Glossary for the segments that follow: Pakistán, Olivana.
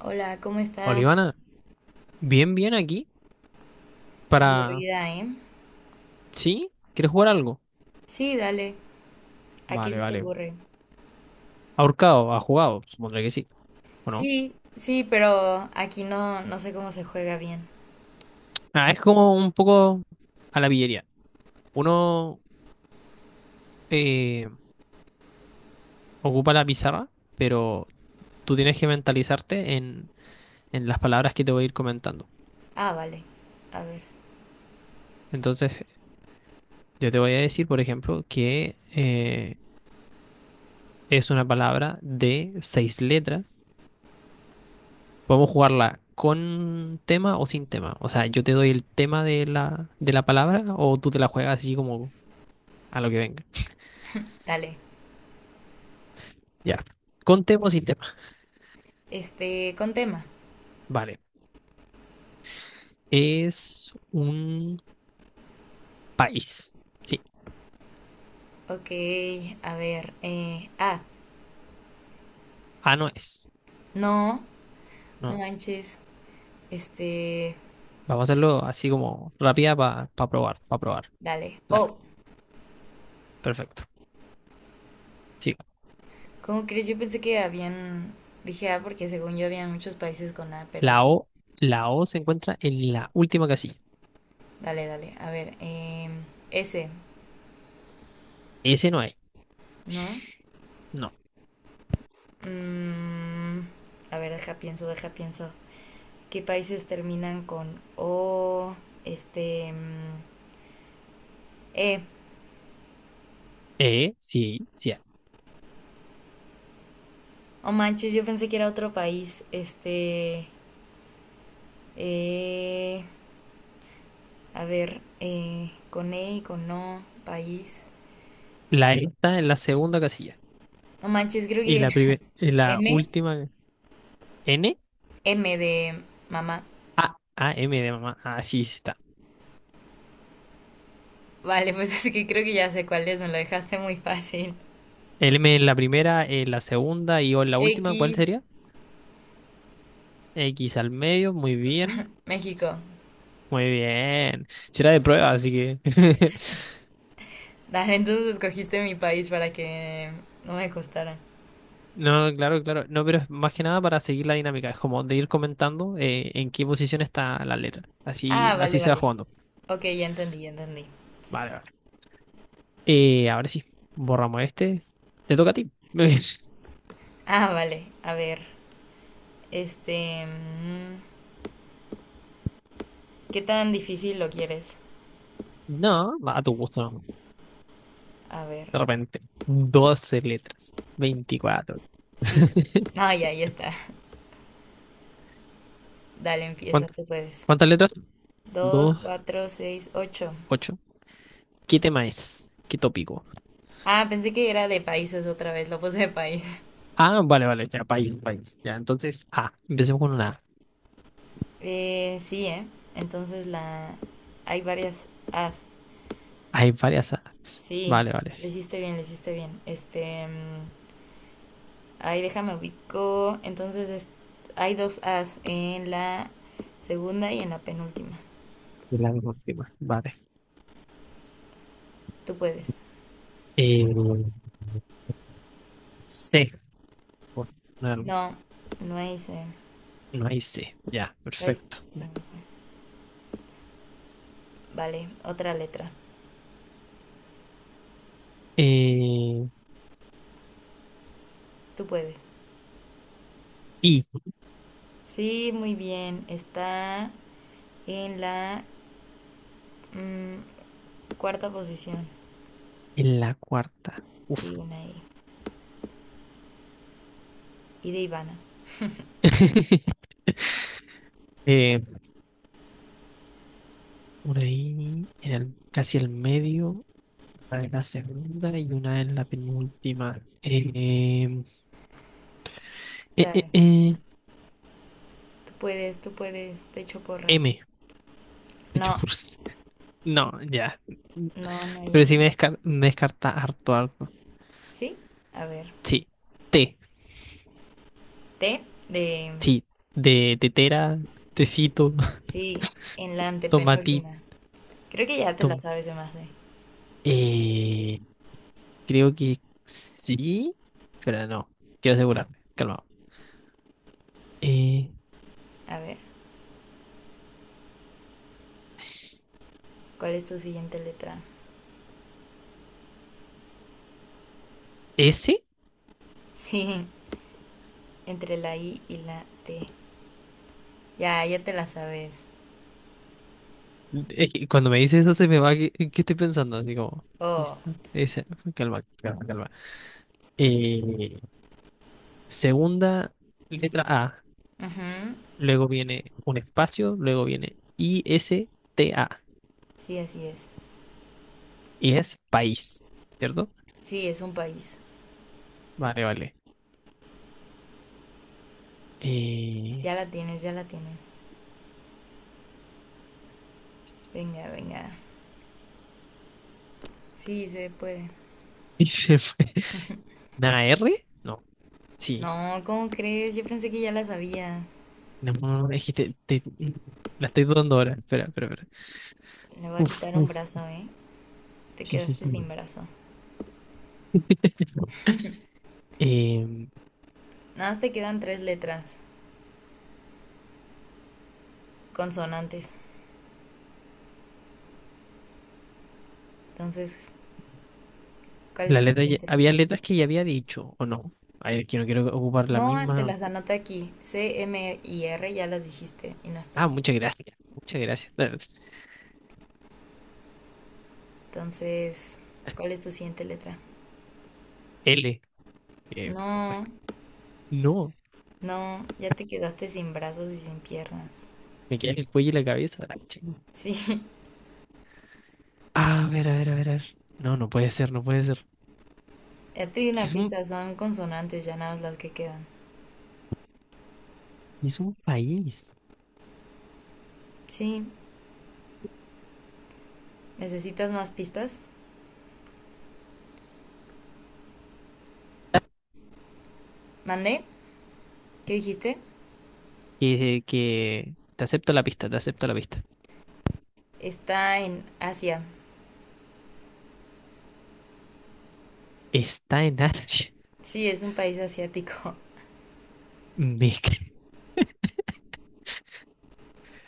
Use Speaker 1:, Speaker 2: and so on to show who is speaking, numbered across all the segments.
Speaker 1: Hola, ¿cómo estás?
Speaker 2: Olivana, bien, bien aquí para...
Speaker 1: Aburrida, ¿eh?
Speaker 2: ¿Sí? ¿Quieres jugar algo?
Speaker 1: Sí, dale. ¿A qué
Speaker 2: Vale,
Speaker 1: se te
Speaker 2: vale.
Speaker 1: ocurre?
Speaker 2: Ahorcado, ha jugado, supondré que sí, ¿o no?
Speaker 1: Sí, sí, pero aquí no, no sé cómo se juega bien.
Speaker 2: Ah, es como un poco a la pillería. Uno eh, ocupa la pizarra, pero tú tienes que mentalizarte en las palabras que te voy a ir comentando.
Speaker 1: Ah, vale. A ver,
Speaker 2: Entonces, yo te voy a decir, por ejemplo, que es una palabra de seis letras. Podemos jugarla con tema o sin tema. O sea, yo te doy el tema de de la palabra, o tú te la juegas así como a lo que venga.
Speaker 1: dale.
Speaker 2: Ya. Con tema o sin tema.
Speaker 1: Con tema.
Speaker 2: Vale. Es un país. Sí.
Speaker 1: Ok, a ver.
Speaker 2: Ah, no es.
Speaker 1: No, no
Speaker 2: No.
Speaker 1: manches. Este,
Speaker 2: Vamos a hacerlo así como rápida para probar, para probar.
Speaker 1: dale.
Speaker 2: Dale.
Speaker 1: Oh,
Speaker 2: Perfecto. Sí.
Speaker 1: ¿cómo crees? Yo pensé que habían... Dije ah, porque según yo había muchos países con A, pero
Speaker 2: La O, la O se encuentra en la última casilla.
Speaker 1: dale, dale. A ver, S,
Speaker 2: S no hay.
Speaker 1: ¿no?
Speaker 2: No.
Speaker 1: Mm, a ver, deja pienso, deja pienso. ¿Qué países terminan con O? Este. mm, eh.
Speaker 2: E, sí, sí hay.
Speaker 1: Oh manches, yo pensé que era otro país. Eh. A ver, con E y con O, país.
Speaker 2: La E está en la segunda casilla.
Speaker 1: No manches, creo
Speaker 2: Y
Speaker 1: que
Speaker 2: la, prime- en la
Speaker 1: M.
Speaker 2: última N.
Speaker 1: M de mamá.
Speaker 2: A, M de mamá. Así está.
Speaker 1: Vale, pues es que creo que ya sé cuál es, me lo dejaste muy fácil.
Speaker 2: El M en la primera, en la segunda y O en la última, ¿cuál
Speaker 1: X,
Speaker 2: sería? X al medio, muy bien.
Speaker 1: México.
Speaker 2: Muy bien. Será de prueba, así que.
Speaker 1: Dale, entonces escogiste mi país para que no me costara.
Speaker 2: No, no, claro, claro. No, pero es más que nada para seguir la dinámica. Es como de ir comentando en qué posición está la letra. Así,
Speaker 1: Ah, vale,
Speaker 2: así se va
Speaker 1: vale.
Speaker 2: jugando.
Speaker 1: Ok, ya entendí, ya entendí.
Speaker 2: Vale, vale. Ahora sí, borramos este. Te toca a ti.
Speaker 1: Ah, vale. A ver, este... mm, ¿qué tan difícil lo quieres?
Speaker 2: No, va a tu gusto, no.
Speaker 1: A ver,
Speaker 2: De repente. 12 letras. 24.
Speaker 1: sí. No, ya, ya está. Dale,
Speaker 2: ¿Cuán-
Speaker 1: empieza, tú puedes.
Speaker 2: ¿Cuántas letras?
Speaker 1: Dos, cuatro, seis, ocho.
Speaker 2: Ocho. ¿Qué tema es? ¿Qué tópico?
Speaker 1: Ah, pensé que era de países otra vez, lo puse de país.
Speaker 2: Ah, vale, vale, ya, país, país. Ya, entonces, A. Empecemos con una A.
Speaker 1: Sí, ¿eh? Entonces hay varias as.
Speaker 2: Hay varias A's.
Speaker 1: Sí,
Speaker 2: Vale, vale.
Speaker 1: lo hiciste bien, lo hiciste bien. Ahí déjame ubico. Entonces hay dos As en la segunda y en la penúltima.
Speaker 2: Es la última. Vale.
Speaker 1: Tú puedes.
Speaker 2: Eh, C. Por poner algo.
Speaker 1: No, no hice.
Speaker 2: No hay C. Ya,
Speaker 1: Ay,
Speaker 2: perfecto.
Speaker 1: se me fue. Vale, otra letra.
Speaker 2: Eh,
Speaker 1: Tú puedes.
Speaker 2: I.
Speaker 1: Sí, muy bien. Está en la mm, cuarta posición.
Speaker 2: En la cuarta. Uf.
Speaker 1: Sí, una E. I. Y de Ivana.
Speaker 2: Eh, una I en el, casi el medio. Una en la segunda y una en la penúltima. Eh, eh,
Speaker 1: Dale.
Speaker 2: eh,
Speaker 1: Tú puedes, tú puedes. Te echo porras.
Speaker 2: M. De hecho,
Speaker 1: No,
Speaker 2: por no, ya.
Speaker 1: no, no hay
Speaker 2: Pero sí
Speaker 1: M.
Speaker 2: me, descar- me descarta harto, harto.
Speaker 1: ¿Sí? A ver.
Speaker 2: Sí. Té.
Speaker 1: T de.
Speaker 2: Sí. De tetera, tecito,
Speaker 1: Sí, en la
Speaker 2: tomatito.
Speaker 1: antepenúltima. Creo que ya te la
Speaker 2: tom-
Speaker 1: sabes de más, ¿eh?
Speaker 2: Eh, creo que sí. Pero no. Quiero asegurarme. Calmado. Eh,
Speaker 1: A ver, ¿cuál es tu siguiente letra?
Speaker 2: ¿Ese?
Speaker 1: Sí, entre la I y la T. Ya, ya te la sabes.
Speaker 2: Que cuando me dices eso se me va. ¿Qué, qué estoy pensando? Así como.
Speaker 1: Oh,
Speaker 2: ¿Lista? Ese. Calma, calma, calma. Eh, segunda letra A.
Speaker 1: ujú.
Speaker 2: Luego viene un espacio. Luego viene I, S, T, A.
Speaker 1: Sí, así es.
Speaker 2: Y es país, ¿cierto?
Speaker 1: Sí, es un país.
Speaker 2: Vale, vale. Eh,
Speaker 1: Ya la tienes, ya la tienes. Venga, venga. Sí, se puede.
Speaker 2: y se fue. ¿Una R? No, sí.
Speaker 1: No, ¿cómo crees? Yo pensé que ya la sabías.
Speaker 2: No, no, es que la estoy dudando ahora. Espera, espera, espera.
Speaker 1: Le voy a
Speaker 2: Uf,
Speaker 1: quitar un
Speaker 2: uf.
Speaker 1: brazo, ¿eh? Te
Speaker 2: Sí, sí,
Speaker 1: quedaste
Speaker 2: sí.
Speaker 1: sin brazo.
Speaker 2: Em,
Speaker 1: Nada más te quedan tres letras consonantes. Entonces, ¿cuál es
Speaker 2: la
Speaker 1: tu
Speaker 2: letra ya-
Speaker 1: siguiente
Speaker 2: había
Speaker 1: letra?
Speaker 2: letras que ya había dicho, ¿o no? A ver, que no quiero ocupar la
Speaker 1: No, te
Speaker 2: misma.
Speaker 1: las anoté aquí. C, M y R ya las dijiste y no
Speaker 2: Ah,
Speaker 1: están.
Speaker 2: muchas gracias. Muchas gracias.
Speaker 1: Entonces, ¿cuál es tu siguiente letra?
Speaker 2: L. eh,
Speaker 1: No,
Speaker 2: no,
Speaker 1: no, ya te quedaste sin brazos y sin piernas.
Speaker 2: me queda en el cuello y la cabeza. La ching.
Speaker 1: Sí,
Speaker 2: A ver, a ver, a ver, a ver. No, no puede ser, no puede ser.
Speaker 1: ya te di una
Speaker 2: Es un,
Speaker 1: pista, son consonantes, ya nada más las que quedan.
Speaker 2: es un país.
Speaker 1: Sí, ¿necesitas más pistas? ¿Mandé? ¿Qué dijiste?
Speaker 2: Que te acepto la pista, te acepto la pista.
Speaker 1: Está en Asia.
Speaker 2: Está en Asia.
Speaker 1: Sí, es un país asiático.
Speaker 2: Me ca-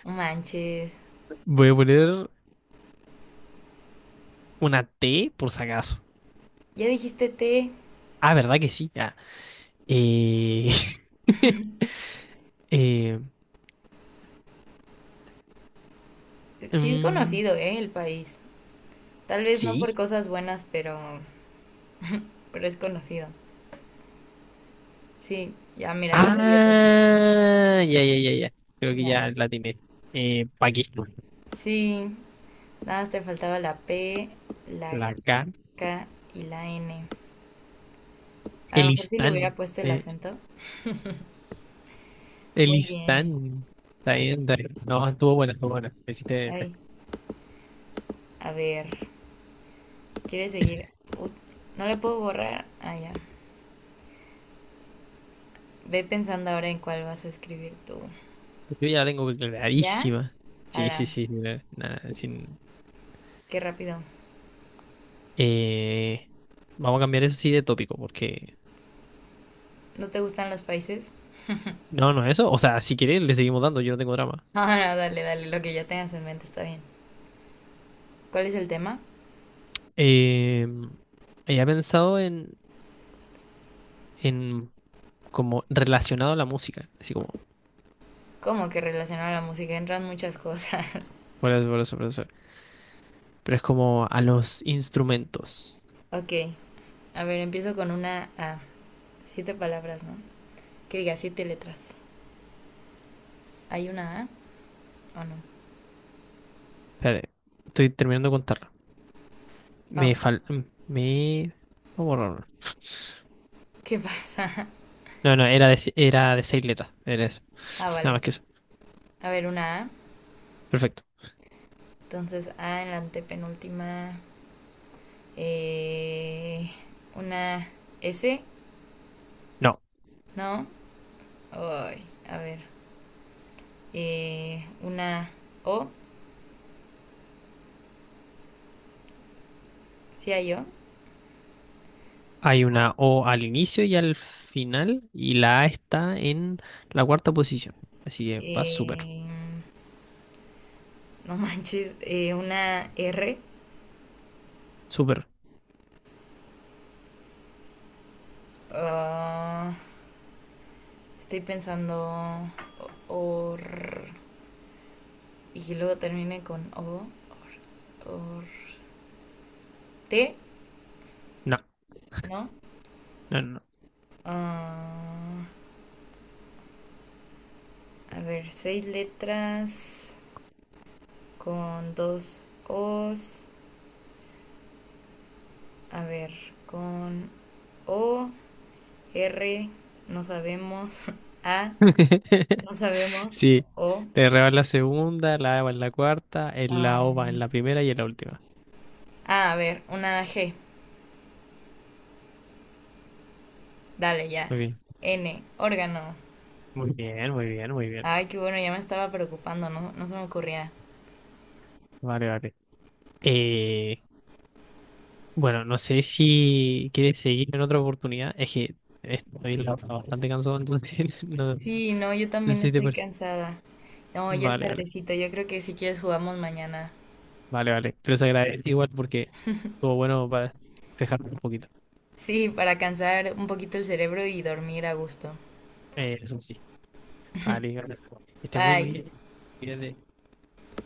Speaker 1: No manches.
Speaker 2: Voy a poner una T por si acaso.
Speaker 1: Ya dijiste T.
Speaker 2: Ah, ¿verdad que sí? Ah, eh, eh,
Speaker 1: Sí es
Speaker 2: mm,
Speaker 1: conocido, ¿eh? El país. Tal vez no por
Speaker 2: sí.
Speaker 1: cosas buenas, pero es conocido. Sí, ya mira, ahí te di otra pista.
Speaker 2: Ah, ya, ya, ya, ya. Creo que
Speaker 1: Ya.
Speaker 2: ya la tiene. Pakistán.
Speaker 1: Sí, nada más te faltaba la P, la
Speaker 2: La K.
Speaker 1: K y la N. A lo mejor si le hubiera
Speaker 2: Elistán.
Speaker 1: puesto el
Speaker 2: Eh,
Speaker 1: acento. Muy bien.
Speaker 2: Elistán. Está bien, está bien. No, estuvo buena, estuvo buena. Me hiciste-
Speaker 1: Ay, a ver, ¿quieres seguir? Ut- no le puedo borrar. Ah, ya. Ve pensando ahora en cuál vas a escribir tú.
Speaker 2: Yo ya la tengo
Speaker 1: ¿Ya?
Speaker 2: clarísima. Sí,
Speaker 1: Ala,
Speaker 2: sí, sí, sí, la- la- sin-
Speaker 1: qué rápido.
Speaker 2: Eh, vamos a cambiar eso sí de tópico, porque...
Speaker 1: ¿No te gustan los países?
Speaker 2: No, no es eso. O sea, si quieres, le seguimos dando, yo no tengo drama.
Speaker 1: Ah, no, dale, dale, lo que ya tengas en mente está bien. ¿Cuál es el tema?
Speaker 2: Eh, había pensado en como relacionado a la música, así como...
Speaker 1: Como que relacionado a la música entran muchas cosas.
Speaker 2: Por eso, por eso, por eso. Pero es como a los instrumentos.
Speaker 1: Ok, a ver, empiezo con una A. Siete palabras, ¿no? Que diga siete letras. ¿Hay una A o no?
Speaker 2: Espérate, estoy terminando de contarlo.
Speaker 1: Oh,
Speaker 2: Me fal... Me... Vamos a borrarlo.
Speaker 1: ¿qué pasa?
Speaker 2: No, no, era de seis letras. Era eso.
Speaker 1: Ah,
Speaker 2: Nada
Speaker 1: vale.
Speaker 2: más que eso.
Speaker 1: A ver, una A.
Speaker 2: Perfecto.
Speaker 1: Entonces, A en la antepenúltima. Eh, una S,
Speaker 2: No.
Speaker 1: ¿no? Ay, a ver. Una O, ¿sí hay O?
Speaker 2: Hay una O al inicio y al final, y la A está en la cuarta posición. Así que va súper,
Speaker 1: Eh, no manches. Una R.
Speaker 2: súper.
Speaker 1: Ah, estoy pensando or y que luego termine con o, or t,
Speaker 2: No,
Speaker 1: ¿no?
Speaker 2: no, no.
Speaker 1: Ah, a ver, seis letras con dos os, a ver, con o, r, no sabemos, a,
Speaker 2: No.
Speaker 1: no sabemos,
Speaker 2: Sí,
Speaker 1: o,
Speaker 2: la R va en la segunda, la A va en la cuarta, el la O va en
Speaker 1: am,
Speaker 2: la primera y en la última.
Speaker 1: a ver, una g, dale ya,
Speaker 2: Muy bien,
Speaker 1: n, órgano.
Speaker 2: muy bien, muy bien, muy bien.
Speaker 1: Ay, qué bueno, ya me estaba preocupando, ¿no? No se me ocurría.
Speaker 2: Vale, vale. Eh, bueno, no sé si quieres seguir en otra oportunidad. Es que estoy la bastante cansado, entonces no, no
Speaker 1: Sí, no, yo
Speaker 2: sé
Speaker 1: también
Speaker 2: si te
Speaker 1: estoy
Speaker 2: parece.
Speaker 1: cansada. No, ya es
Speaker 2: Vale, vale.
Speaker 1: tardecito. Yo creo que si quieres jugamos mañana.
Speaker 2: Vale, vale. Pero se agradece igual porque estuvo bueno para despejarme un poquito.
Speaker 1: Sí, para cansar un poquito el cerebro y dormir a gusto.
Speaker 2: Eso sí. Vale, vale. Que esté muy
Speaker 1: Bye.
Speaker 2: bien. Cuídate.